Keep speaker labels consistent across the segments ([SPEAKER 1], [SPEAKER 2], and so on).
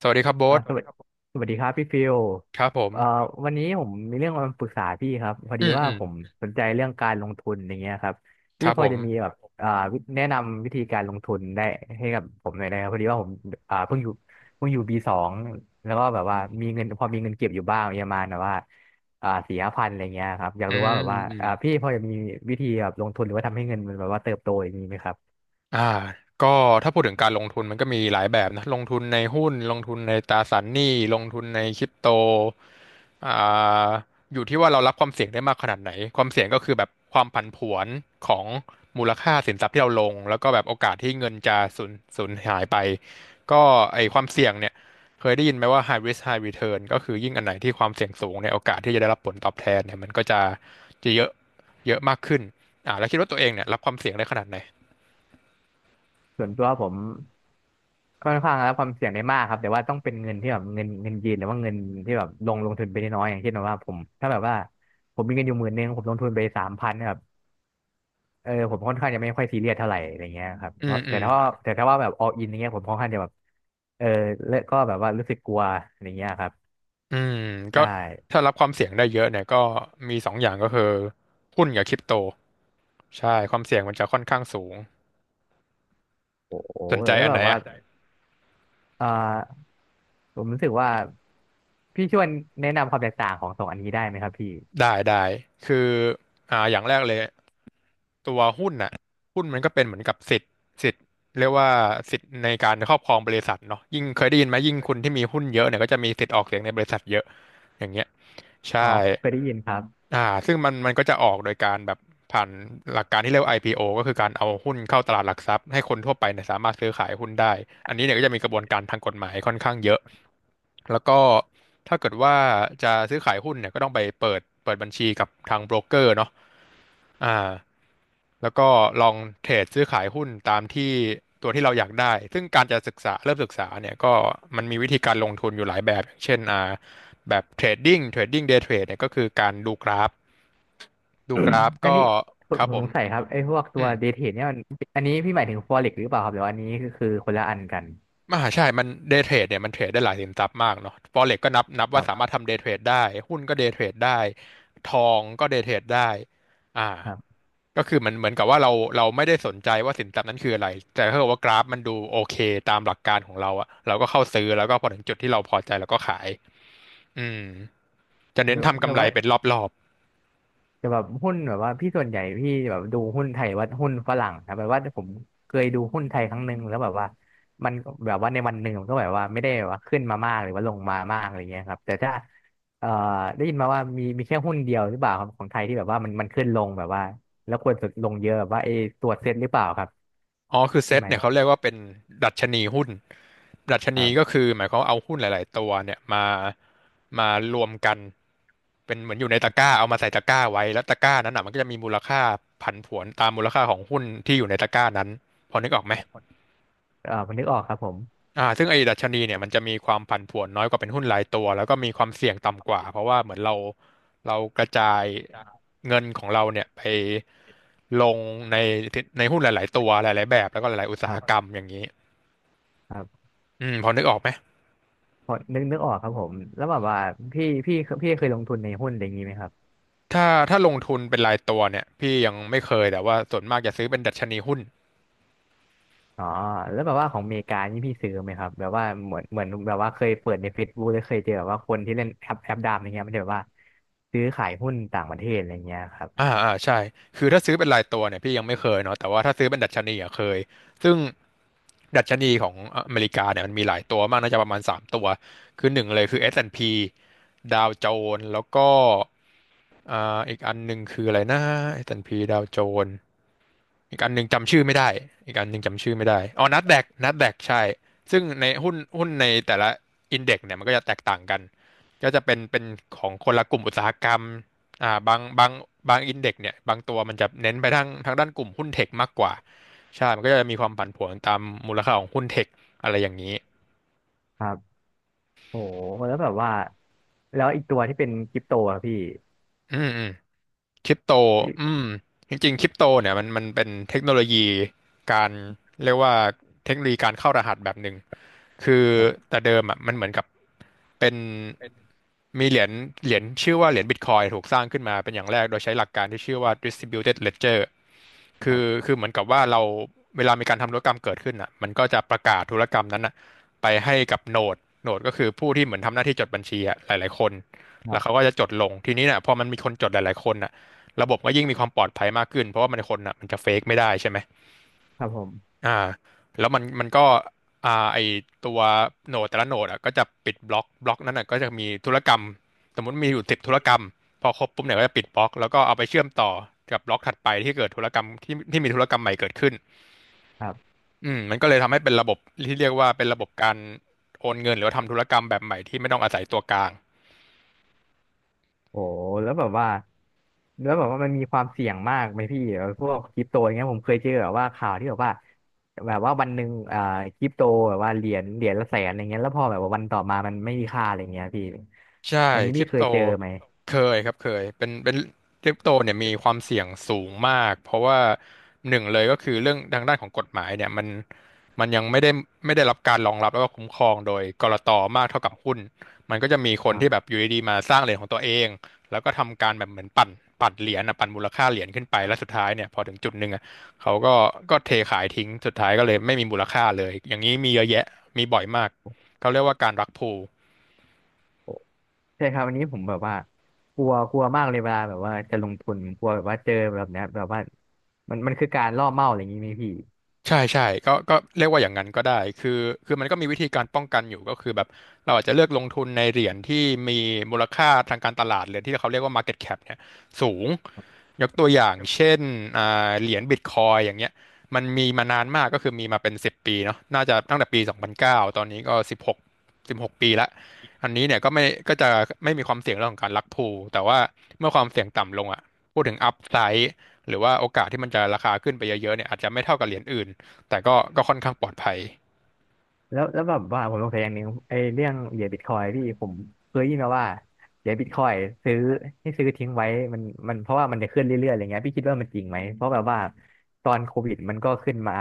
[SPEAKER 1] สวัสดีครับโบ๊
[SPEAKER 2] อ่า
[SPEAKER 1] ท
[SPEAKER 2] สสวัสวัสดีดีครับผมสวัสดีครับพี่ฟิล
[SPEAKER 1] ครับผม
[SPEAKER 2] เอ่อวันนี้ผมมีเรื่องมาปรึกษาพี่ครับพอ
[SPEAKER 1] อื
[SPEAKER 2] ดี
[SPEAKER 1] ม
[SPEAKER 2] ว่า
[SPEAKER 1] อืม
[SPEAKER 2] ผมสนใจเรื่องการลงทุนอย่างเงี้ยครับ
[SPEAKER 1] ค
[SPEAKER 2] พี่
[SPEAKER 1] รับ
[SPEAKER 2] พอ
[SPEAKER 1] ผม
[SPEAKER 2] จะมีแบบอ่าวิแนะนำวิธีการลงทุนได้ให้กับผมหน่อยได้ครับพอดีว่าผมอ่าเพิ่งอยู่เพิ่งอยู่ปีสองแล้วก็แบบว่ามีเงินพอมีเงินเก็บอยู่บ้างประมาณแบบว่าสี่ห้าพันอะไรเงี้ยครับอยาก
[SPEAKER 1] อื
[SPEAKER 2] รู้
[SPEAKER 1] ม
[SPEAKER 2] ว่าแบบว่า
[SPEAKER 1] อืม
[SPEAKER 2] พี่พอจะมีวิธีแบบลงทุนหรือว่าทำให้เงินมันแบบว่าเติบโตอย่างนี้ไหมครับ
[SPEAKER 1] อ่าก็ถ้าพูดถึงการลงทุนมันก็มีหลายแบบนะลงทุนในหุ้นลงทุนในตราสารหนี้ลงทุนในคริปโตอ่าอยู่ที่ว่าเรารับความเสี่ยงได้มากขนาดไหนความเสี่ยงก็คือแบบความผันผวนของมูลค่าสินทรัพย์ที่เราลงแล้วก็แบบโอกาสที่เงินจะสูญหายไปก็ไอความเสี่ยงเนี่ยเคยได้ยินไหมว่า high risk high return ก็คือยิ่งอันไหนที่ความเสี่ยงสูงเนี่ยโอกาสที่จะได้รับผลตอบแทนเนี่ยมันก็จะเยอะเยอะมากขึ้นแล้วคิดว่าตัวเองเนี่ยรับความเสี่ยงได้ขนาดไหน
[SPEAKER 2] ส่วนตัวผม ค่อนข้างรับความเสี่ยงได้มากครับแต่ว่าต้องเป็นเงินที่แบบเงินยืนหรือว่าเงินที่แบบลงทุนไปน้อยๆอย่างเช่นแบบว่าผมถ้าแบบว่าผมมีเงินอยู่หมื่นนึงผมลงทุนไปสามพันแบบผมค่อนข้างจะไม่ค่อยซีเรียสเท่าไหร่อะไรเงี้ยครับ
[SPEAKER 1] อื
[SPEAKER 2] เพ
[SPEAKER 1] ม
[SPEAKER 2] ราะ
[SPEAKER 1] อื
[SPEAKER 2] แต่
[SPEAKER 1] ม
[SPEAKER 2] ถ้าว่าแต่ถ้าว่าแบบ all in อย่างเงี้ยผมค่อนข้างจะแบบเออและก็แบบว่ารู้สึกกลัวอะไรเงี้ยครับ
[SPEAKER 1] อืมก็
[SPEAKER 2] ใช่
[SPEAKER 1] ถ้ารับความเสี่ยงได้เยอะเนี่ยก็มีสองอย่างก็คือหุ้นกับคริปโตใช่ความเสี่ยงมันจะค่อนข้างสูง
[SPEAKER 2] โอ้โห
[SPEAKER 1] สนใจ
[SPEAKER 2] แล้ว
[SPEAKER 1] อัน
[SPEAKER 2] แบ
[SPEAKER 1] ไหน
[SPEAKER 2] บว่า
[SPEAKER 1] อ่ะ
[SPEAKER 2] อ่อผมรู้สึกว่าพี่ช่วยแนะนำความแตกต่างของสองอันนี้ได้ไหมครับพี่
[SPEAKER 1] ได้ได้คืออย่างแรกเลยตัวหุ้นน่ะหุ้นมันก็เป็นเหมือนกับสิทธิ์เรียกว่าสิทธิ์ในการครอบครองบริษัทเนาะยิ่งเคยได้ยินไหมยิ่งคุณที่มีหุ้นเยอะเนี่ยก็จะมีสิทธิ์ออกเสียงในบริษัทเยอะ อย่างเงี้ยใช่
[SPEAKER 2] อ๋อเคยได้ยินครับ
[SPEAKER 1] ซึ่งมันก็จะออกโดยการแบบผ่านหลักการที่เรียกว่า IPO ก็คือการเอาหุ้นเข้าตลาดหลักทรัพย์ให้คนทั่วไปเนี่ยสามารถซื้อขายหุ้นได้อันนี้เนี่ยก็จะมีกระบวนการทางกฎหมายค่อนข้างเยอะแล้วก็ถ้าเกิดว่าจะซื้อขายหุ้นเนี่ยก็ต้องไปเปิดบัญชีกับทางโบรกเกอร์เนาะอ่า แล้วก็ลองเทรดซื้อขายหุ้นตามที่ตัวที่เราอยากได้ซึ่งการจะศึกษาเริ่มศึกษาเนี่ยก็มันมีวิธีการลงทุนอยู่หลายแบบอย่างเช่นแบบเทรดดิ้งเดย์เทรดเนี่ยก็คือการดูกราฟดูกราฟ
[SPEAKER 2] อัน
[SPEAKER 1] ก็
[SPEAKER 2] นี้ผ
[SPEAKER 1] ค
[SPEAKER 2] ม
[SPEAKER 1] รับ
[SPEAKER 2] ผม
[SPEAKER 1] ผ
[SPEAKER 2] ส
[SPEAKER 1] ม
[SPEAKER 2] งสัยครับไอ้พวกตั
[SPEAKER 1] อื
[SPEAKER 2] ว
[SPEAKER 1] ม
[SPEAKER 2] เดทเทนเนี่ยมันอันนี้พี่หมายถึงฟอเร็กหรือเปล่าครับหรือว่าอันนี้คือคนละอันกัน
[SPEAKER 1] ม่าใช่มันเด y t เทรดเนี่ยมันเทรดได้หลายสินทรัพย์มากเนาะ Forex ก็นับ
[SPEAKER 2] ครั
[SPEAKER 1] ว่า
[SPEAKER 2] บ
[SPEAKER 1] สา
[SPEAKER 2] ครั
[SPEAKER 1] มารถ
[SPEAKER 2] บ
[SPEAKER 1] ทำเด y t เทรดได้หุ้นก็เด y t เทรดได้ทองก็เด y t เทรดได้อ่าก็คือมันเหมือนกับว่าเราไม่ได้สนใจว่าสินทรัพย์นั้นคืออะไร แต่ถ้าเกิดว่ากราฟมันดูโอเคตามหลักการของเราอะเราก็เข้าซื้อแล้วก็พอถึงจุดที่เราพอใจเราก็ขายอืมจะ
[SPEAKER 2] ห
[SPEAKER 1] เน้น
[SPEAKER 2] รือ
[SPEAKER 1] ทำ
[SPEAKER 2] หรื
[SPEAKER 1] กำ
[SPEAKER 2] อ
[SPEAKER 1] ไร
[SPEAKER 2] ว่า
[SPEAKER 1] เป็นรอบ
[SPEAKER 2] จะแบบหุ้นแบบว่าพี่ส่วนใหญ่พี่แบบดูหุ้นไทยหรือว่าหุ้นฝรั่งครับแบบว่าผมเคยดูหุ้นไทยครั้งหนึ่งแล้วแบบว่ามันแบบว่าในวันหนึ่งมันก็แบบว่าไม่ได้แบบว่าขึ้นมามากหรือว่าลงมามากอะไรเงี้ยครับแต่ถ้าเอ่อได้ยินมาว่ามีแค่หุ้นเดียวหรือเปล่าครับของไทยที่แบบว่ามันขึ้นลงแบบว่าแล้วควรจะลงเยอะแบบว่าไอ้ตัวเซ็ตหรือเปล่าครับ
[SPEAKER 1] อ๋อคือเซ
[SPEAKER 2] ใช่
[SPEAKER 1] ต
[SPEAKER 2] ไหม
[SPEAKER 1] เนี่ยเขาเรียกว่าเป็นดัชนีหุ้น ดัชนีก็คือหมายความว่าเอาหุ้นหลายๆตัวเนี่ยมารวมกันเป็นเหมือนอยู่ในตะกร้าเอามาใส่ตะกร้าไว้แล้วตะกร้านั้นอ่ะมันก็จะมีมูลค่าผันผวนตามมูลค่าของหุ้นที่อยู่ในตะกร้านั้น พอนึกออกไหม
[SPEAKER 2] ครับ เออนึกออกครับผม
[SPEAKER 1] ซึ่งไอ้ดัชนีเนี่ยมันจะมีความผันผวนน้อยกว่าเป็นหุ้นรายตัวแล้วก็มีความเสี่ยงต่ำกว่า เพราะว่าเหมือนเรากระจายเงินของเราเนี่ยไปลงในในหุ้นหลายๆตัวหลายๆแบบแล้วก็หลายๆอุต
[SPEAKER 2] ค
[SPEAKER 1] สาหกร
[SPEAKER 2] รั
[SPEAKER 1] รม
[SPEAKER 2] บ
[SPEAKER 1] อย่างนี้
[SPEAKER 2] ครับ
[SPEAKER 1] อืมพอนึกออกไหม
[SPEAKER 2] พอนึกออกครับผมแล้วแบบว่าพี่พี่พี่เคยลงทุนในหุ้นอะไรอย่างนี้ไหมครับ
[SPEAKER 1] ถ้าถ้าลงทุนเป็นรายตัวเนี่ยพี่ยังไม่เคยแต่ว่าส่วนมากจะซื้อเป็นดัชนีหุ้น
[SPEAKER 2] อ๋อแล้วแบบว่าของอเมริกานี่พี่ซื้อไหมครับแบบว่าเหมือนแบบว่าเคยเปิดใน Facebook หรือเคยเจอแบบว่าคนที่เล่นแอปดามอย่างเงี้ยมันจะแบบว่าซื้อขายหุ้นต่างประเทศอะไรเงี้ยครับ
[SPEAKER 1] ใช่คือถ้าซื้อเป็นรายตัวเนี่ยพี่ยังไม่เคยเนาะแต่ว่าถ้าซื้อเป็นดัชนีอะเคยซึ่งดัชนีของอเมริกาเนี่ยมันมีหลายตัวมากน่าจะประมาณสามตัวคือหนึ่งเลยคือ S&P ดพีดาวโจนส์แล้วก็อีกอันหนึ่งคืออะไรนะ S&P ดพีดาวโจนส์อีกอันหนึ่งจำชื่อไม่ได้อีกอันหนึ่งจำชื่อไม่ได้อ๋อนัสแดกใช่ซึ่งในหุ้นในแต่ละอินเด็กซ์เนี่ยมันก็จะแตกต่างกันก็จะเป็นของคนละกลุ่มอุตสาหกรรม อ่าบางบางบางอินเด็กซ์เนี่ยบางตัวมันจะเน้นไปทางด้านกลุ่มหุ้นเทคมากกว่าใช่มันก็จะมีความผันผวนตามมูลค่าของหุ้นเทคอะไรอย่างนี้
[SPEAKER 2] ครับโอ้แล้วแบบว่าแล้วอีกตัวที่เป็นคริปโตอะพี่
[SPEAKER 1] อืมอืมคริปโตอื
[SPEAKER 2] พี่
[SPEAKER 1] มจริงๆคริปโตเนี่ยมันเป็นเทคโนโลยีการเรียกว่าเทคโนโลยีการเข้ารหัสแบบหนึ่ง คือ
[SPEAKER 2] ครับ
[SPEAKER 1] แต่เดิมอ่ะมันเหมือนกับเป็นมีเหรียญชื่อว่าเหรียญบิตคอยถูกสร้างขึ้นมาเป็นอย่างแรกโดยใช้หลักการที่ชื่อว่า distributed ledger
[SPEAKER 2] ค
[SPEAKER 1] คื
[SPEAKER 2] รั
[SPEAKER 1] อ
[SPEAKER 2] บ
[SPEAKER 1] คือเหมือนกับว่าเราเวลามีการทำธุรกรรมเกิดขึ้นอ่ะมันก็จะประกาศธุรกรรมนั้นอ่ะไปให้กับโนดโนดก็คือผู้ที่เหมือนทำหน้าที่จดบัญชีอ่ะหลายๆคน
[SPEAKER 2] ครั
[SPEAKER 1] แล้วเขา
[SPEAKER 2] บ
[SPEAKER 1] ก็จะจดลงทีนี้เนี่ยพอมันมีคนจดหลายๆคนอ่ะระบบก็ยิ่งมีความปลอดภัยมากขึ้นเพราะว่ามันคนอ่ะมันจะเฟกไม่ได้ใช่ไหม
[SPEAKER 2] ครับผม
[SPEAKER 1] อ่าแล้วมันมันก็อ่าไอตัวโหนดแต่ละโหนดอ่ะก็จะปิดบล็อกนั้นอ่ะก็จะมีธุรกรรมสมมติมีอยู่10 ธุรกรรมพอครบปุ๊บเนี่ยก็จะปิดบล็อกแล้วก็เอาไปเชื่อมต่อกับบล็อกถัดไปที่เกิดธุรกรรมที่มีธุรกรรมใหม่เกิดขึ้น
[SPEAKER 2] ครับ
[SPEAKER 1] อืมมันก็เลยทำให้เป็นระบบที่เรียกว่าเป็นระบบการโอนเงินหรือว่าทำธุรกรรมแบบใหม่ที่ไม่ต้องอาศัยตัวกลาง
[SPEAKER 2] โอ้แล้วแบบว่า แล้วแบบว่ามันมีความเสี่ยงมากไหมพี่พวกคริปโตอย่างเงี้ยผมเคยเจอแบบว่าข่าวที่แบบว่าแบบว่าวันหนึ่งคริปโตแบบว่าเหรียญละแสนอะไรเงี้ยแล้วพอแบบว่าวันต่อมามันไม่มีค่าอะไรเงี้ยพี่
[SPEAKER 1] ใช่
[SPEAKER 2] อันนี้
[SPEAKER 1] ค
[SPEAKER 2] พี่
[SPEAKER 1] ริป
[SPEAKER 2] เค
[SPEAKER 1] โต
[SPEAKER 2] ยเจอไหม
[SPEAKER 1] เคยครับเคยเป็นคริปโตเนี่ยมีความเสี่ยงสูงมากเพราะว่าหนึ่งเลยก็คือเรื่องทางด้านของกฎหมายเนี่ยมันมันยังไม่ได้รับการรองรับแล้วก็คุ้มครองโดยกลตมากเท่ากับหุ้นมันก็จะมีคนที่
[SPEAKER 2] ค
[SPEAKER 1] แบ
[SPEAKER 2] รั
[SPEAKER 1] บ
[SPEAKER 2] บ
[SPEAKER 1] อยู่ดีๆมาสร้างเหรียญของตัวเองแล้วก็ทำการแบบเหมือนปั่นเหรียญนะปั่นมูลค่าเหรียญขึ้นไปแล้วสุดท้ายเนี่ยพอถึงจุดหนึ่งอะเขาก็เทขายทิ้งสุดท้ายก็เลยไม่มีมูลค่าเลยอย่างนี้มีเยอะแยะมีบ่อยมากเขาเรียกว่าการรักพูล
[SPEAKER 2] โอ้ใช่ครับอันนี้ผมแบบว่ากลัวกลัวมากเลยเวลาแบบว่าจะลงทุนกลัวแบบว่าเจอแบบเนี้ยแบบว่ามันคือการล่อเป้าอะไรอย่างงี้ไหมพี่
[SPEAKER 1] ใช่ใช่ก็เรียกว่าอย่างนั้นก็ได้คือมันก็มีวิธีการป้องกันอยู่ก็คือแบบเราอาจจะเลือกลงทุนในเหรียญที่มีมูลค่าทางการตลาดหรือที่เขาเรียกว่า market cap เนี่ยสูงยกตัวอย่างเช่นอ่เหรียญบิตคอยอย่างเงี้ยมันมีมานานมากก็คือมีมาเป็น10 ปีเนาะน่าจะตั้งแต่ปี2009ตอนนี้ก็สิบหก16 ปีละอันนี้เนี่ยก็จะไม่มีความเสี่ยงเรื่องของการลักพูแต่ว่าเมื่อความเสี่ยงต่ำลงอ่ะพูดถึงอัพไซหรือว่าโอกาสที่มันจะราคาขึ้นไปเยอะๆเนี่ยอาจจะไม่เท่ากับเหรียญอื่น แต่ก็ค่อนข้างปลอดภัย
[SPEAKER 2] แล้วแบบว่าผมสงสัยอย่างหนึ่งไอ้เรื่องเหรียญบิตคอยพี่ผมเคยได้ยินมาว่าเหรียญบิตคอยซื้อซื้อทิ้งไว้มันมันเพราะว่ามันจะขึ้นเรื่อยๆอะไรเงี้ยพี่คิดว่ามันจริงไหมเพราะแบบว่าตอนโควิดมันก็ขึ้นมา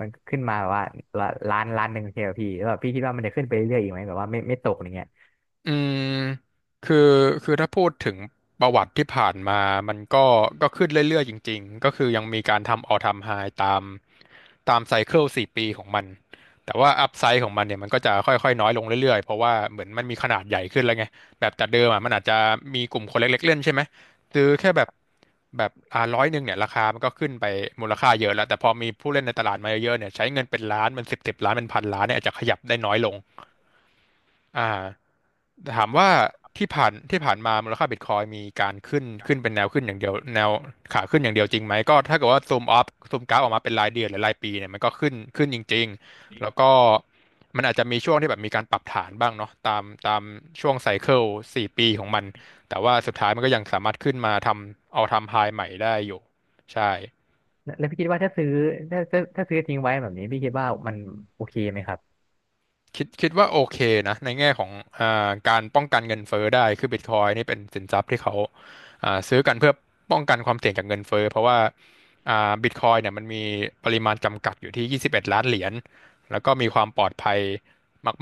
[SPEAKER 2] มันขึ้นมาแบบว่าละล้านหนึ่งใช่ไหมพี่แล้วแบบพี่คิดว่ามันจะขึ้นไปเรื่อยๆอีกไหมแบบว่าไม่ตกอะไรเงี้ย
[SPEAKER 1] อืมคือคือถ้าพูดถึงประวัติที่ผ่านมา มันก็ขึ้นเรื่อยๆจริงๆ ก็คือยังมีการทำออลไทาม์ไฮตามตามไซเคิลสี่ปีของมัน แต่ว่าอัพไซ e ของมันเนี่ยมันก็จะค่อยๆน้อยลงเรื่อยๆ เพราะว่าเหมือนมันมีขนาดใหญ่ขึ้นแล้วไง แบบแต่เดิมอ่ะมันอาจจะมีกลุ่มคนเล็กๆเล่นใช่ไหมซื้อแค่แบบ100เนี่ยราคามันก็ขึ้นไปมูลค่าเยอะแล้วแต่พอมีผู้เล่นในตลาดมาเยอะๆเนี่ยใช้เงินเป็นล้านเป็นสิบล้านเป็นพันล้านเนี่ยอาจจะขยับได้น้อยลง อ่าถามว่าที่ผ่านมามูลค่าบิตคอยมีการขึ้นเป็นแนวขึ้นอย่างเดียวแนวขาขึ้นอย่างเดียวจริงไหมก็ถ้าเกิดว่าซูมอัพซูมกราฟออกมาเป็นรายเดือนหรือรายปีเนี่ยมันก็ขึ้นจริงๆแล้วก็มันอาจจะมีช่วงที่แบบมีการปรับฐานบ้างเนาะตามช่วงไซเคิลสี่ปีของมันแต่ว่าสุดท้ายมันก็ยังสามารถขึ้นมาทำเอาทำไฮใหม่ได้อยู่ใช่
[SPEAKER 2] แล้วพี่คิดว่าถ้าซื้อทิ้งไว้แบบนี้พี่คิดว่ามันโอเคไหมครับ
[SPEAKER 1] คิดว่าโอเคนะในแง่ของการป้องกันเงินเฟ้อได้คือบิตคอยนี่เป็นสินทรัพย์ที่เขาซื้อกันเพื่อป้องกันความเสี่ยงจากเงินเฟ้อเพราะว่าบิตคอยเนี่ยมันมีปริมาณจำกัดอยู่ที่21ล้านเหรียญแล้วก็มีความปลอดภัย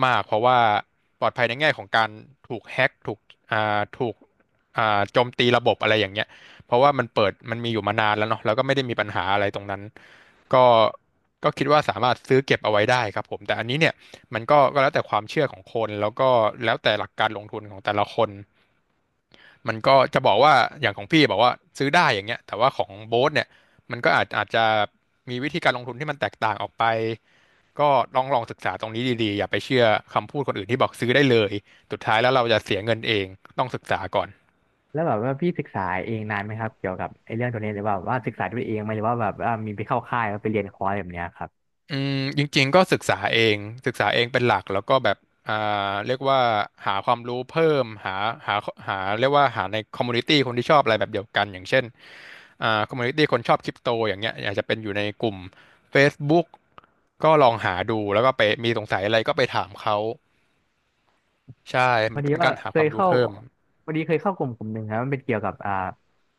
[SPEAKER 1] มากๆเพราะว่าปลอดภัยในแง่ของการถูกแฮ็กถูกโจมตีระบบอะไรอย่างเงี้ยเพราะว่ามันเปิดมันมีอยู่มานานแล้วเนาะแล้วก็ไม่ได้มีปัญหาอะไรตรงนั้นก็ก็คิดว่าสามารถซื้อเก็บเอาไว้ได้ครับผมแต่อันนี้เนี่ย มันก็แล้วแต่ความเชื่อของคนแล้วก็แล้วแต่หลักการลงทุนของแต่ละคนมันก็จะบอกว่าอย่างของพี่บอกว่าซื้อได้อย่างเงี้ยแต่ว่าของโบ๊ทเนี่ยมันก็อาจจะมีวิธีการลงทุนที่มันแตกต่างออกไปก็ลองศึกษาตรงนี้ดีๆอย่าไปเชื่อคำพูดคนอื่นที่บอกซื้อได้เลยสุดท้ายแล้วเราจะเสียเงินเองต้องศึกษาก่อน
[SPEAKER 2] แล้วแบบว่าพี่ศึกษาเองนานไหมครับเกี่ยวกับไอ้เรื่องตัวนี้หรือว่าศึกษาด้วยเองไหมหรือว่าแบบว่ามีไปเข้าค่ายแล้วไปเรียนคอร์สแบบเนี้ยครับ
[SPEAKER 1] อืมจริงๆก็ศึกษาเองเป็นหลักแล้วก็แบบอ่าเรียกว่าหาความรู้เพิ่มหาหาหาเรียกว่าหาในคอมมูนิตี้คนที่ชอบอะไรแบบเดียวกันอย่างเช่นคอมมูนิตี้คนชอบคริปโตอย่างเงี้ยอยากจะเป็นอยู่ในกลุ่ม Facebook ก็ลองหาดูแล้วก็ไปมีสงสัยอะไรก็ไปถามเขาใช่
[SPEAKER 2] พ
[SPEAKER 1] มั
[SPEAKER 2] อ
[SPEAKER 1] นก็
[SPEAKER 2] ดี
[SPEAKER 1] เป็น
[SPEAKER 2] ว่า
[SPEAKER 1] การหา
[SPEAKER 2] เค
[SPEAKER 1] ควา
[SPEAKER 2] ย
[SPEAKER 1] มรู้
[SPEAKER 2] เข้า
[SPEAKER 1] เพิ่ม
[SPEAKER 2] พอดีเคยเข้ากลุ่มกลุ่มหนึ่งครับมันเป็นเกี่ยวกับ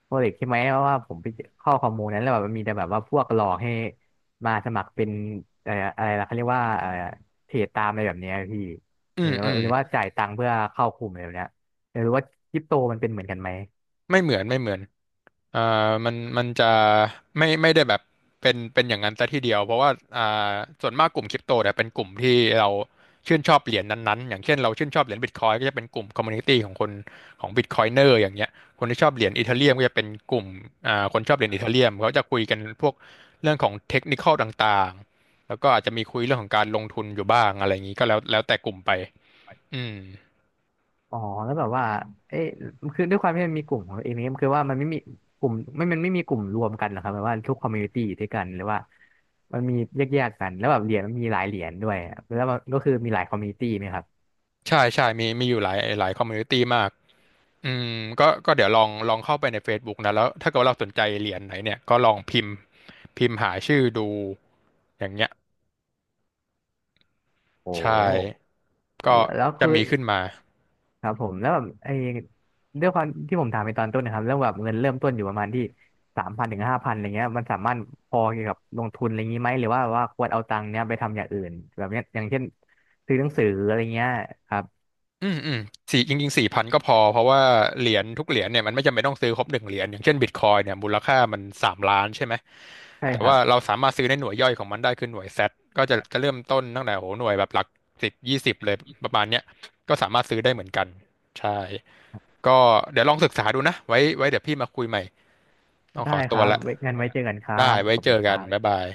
[SPEAKER 2] โปรเจกต์ใช่ไหมเพราะว่าผมไปเข้าข้อมูลนั้นแล้วแบบมันมีแต่แบบว่าพวกหลอกให้มาสมัครเป็นอะไรอะไรนะเขาเรียกว่าอะไรเทรดตามอะไรแบบเนี้ยพี่
[SPEAKER 1] อื
[SPEAKER 2] หรื
[SPEAKER 1] ม
[SPEAKER 2] อ
[SPEAKER 1] อื
[SPEAKER 2] ว่า
[SPEAKER 1] ม
[SPEAKER 2] หรือว่าจ่ายตังค์เพื่อเข้ากลุ่มอะไรแบบเนี้ยอยากรู้ว่าคริปโตมันเป็นเหมือนกันไหม
[SPEAKER 1] ไม่เหมือนไม่เหมือน อ่มันจะไม่ได้แบบเป็นอย่างนั้นซะทีเดียวเพราะว่าอ่าส่วนมากกลุ่มคริปโตเนี่ยเป็นกลุ่มที่เราชื่นชอบเหรียญนั้นๆอย่างเช่นเราชื่นชอบเหรียญบิตคอยก็จะเป็นกลุ่มคอมมูนิตี้ของคนของบิตคอยเนอร์อย่างเงี้ยคนที่ชอบเหรียญอีเธเรียมก็จะเป็นกลุ่มคนชอบเหรียญอีเธเรียมเขาจะคุยกันพวกเรื่องของเทคนิคอลต่างๆแล้วก็อาจจะมีคุยเรื่องของการลงทุนอยู่บ้างอะไรอย่างนี้ก็แล้วแต่กลุ่มไปอืม
[SPEAKER 2] อ๋อแล้วแบบว่าเอ๊ะคือด้วยความที่มันมีกลุ่มของตัวเองเนี่ยคือว่ามันไม่มีกลุ่มไม่มันไม่มีกลุ่มรวมกันเหรอครับแบบว่าทุกคอมมูนิตี้ด้วยกันหรือว่ามันมีแยกๆกันแล้วแบบเหรียญมันมีหลายเหรียญด้วยอะแล้วมันก็คือมีหลายคอมมูนิตี้ไหมครับ
[SPEAKER 1] ใช่ใช่มีอยู่หลายคอมมูนิตี้มาก อืมก็เดี๋ยวลองเข้าไปใน Facebook นะแล้วถ้าเกิดว่าเราสนใจเหรียญไหนเนี่ยก็ลองพิมพ์หาชื่อดูอย่างเงี้ย
[SPEAKER 2] โอ้
[SPEAKER 1] ใช่ก็
[SPEAKER 2] แล้ว
[SPEAKER 1] จะ
[SPEAKER 2] คือ
[SPEAKER 1] มีขึ้นมา
[SPEAKER 2] ครับผมแล้วแบบไอ้ด้วยความที่ผมถามไปตอนต้นนะครับเรื่องแบบเงินเริ่มต้นอยู่ประมาณที่สามพันถึงห้าพันอะไรเงี้ยมันสามารถพอเกี่ยวกับลงทุนอะไรงี้ไหมหรือว่าควรเอาตังค์เนี้ยไปทำอย่างอื่นแบบเนี้ยอย่างเช่นซื้อหนังสืออะไรเงี้ยครับ
[SPEAKER 1] อืมอืมจริงๆ4,000ก็พอเพราะว่าเหรียญทุกเหรียญเนี่ยมันไม่จำเป็นต้องซื้อครบหนึ่งเหรียญอย่างเช่นบิตคอยเนี่ยมูลค่ามัน3 ล้านใช่ไหม
[SPEAKER 2] ใช่
[SPEAKER 1] แต่
[SPEAKER 2] ครั
[SPEAKER 1] ว่า
[SPEAKER 2] บ
[SPEAKER 1] เราสามารถซื้อในหน่วยย่อยของมันได้คือหน่วยแซทก็จะเริ่มต้นตั้งแต่โหหน่วยแบบหลักสิบ20เลยประมาณเนี้ยก็สามารถซื้อได้เหมือนกันใช่ ก็เดี๋ยวลองศึกษาดูนะไว้เดี๋ยวพี่มาคุยใหม่ต้อง
[SPEAKER 2] ได้
[SPEAKER 1] ขอ
[SPEAKER 2] ค
[SPEAKER 1] ตัว
[SPEAKER 2] รับ
[SPEAKER 1] ละ
[SPEAKER 2] ไว้งั้นไว้เจอกันครั
[SPEAKER 1] ได้
[SPEAKER 2] บขอ
[SPEAKER 1] ไว้
[SPEAKER 2] บ
[SPEAKER 1] เจ
[SPEAKER 2] คุณ
[SPEAKER 1] อ
[SPEAKER 2] ค
[SPEAKER 1] กั
[SPEAKER 2] รั
[SPEAKER 1] น
[SPEAKER 2] บ
[SPEAKER 1] บ๊ายบาย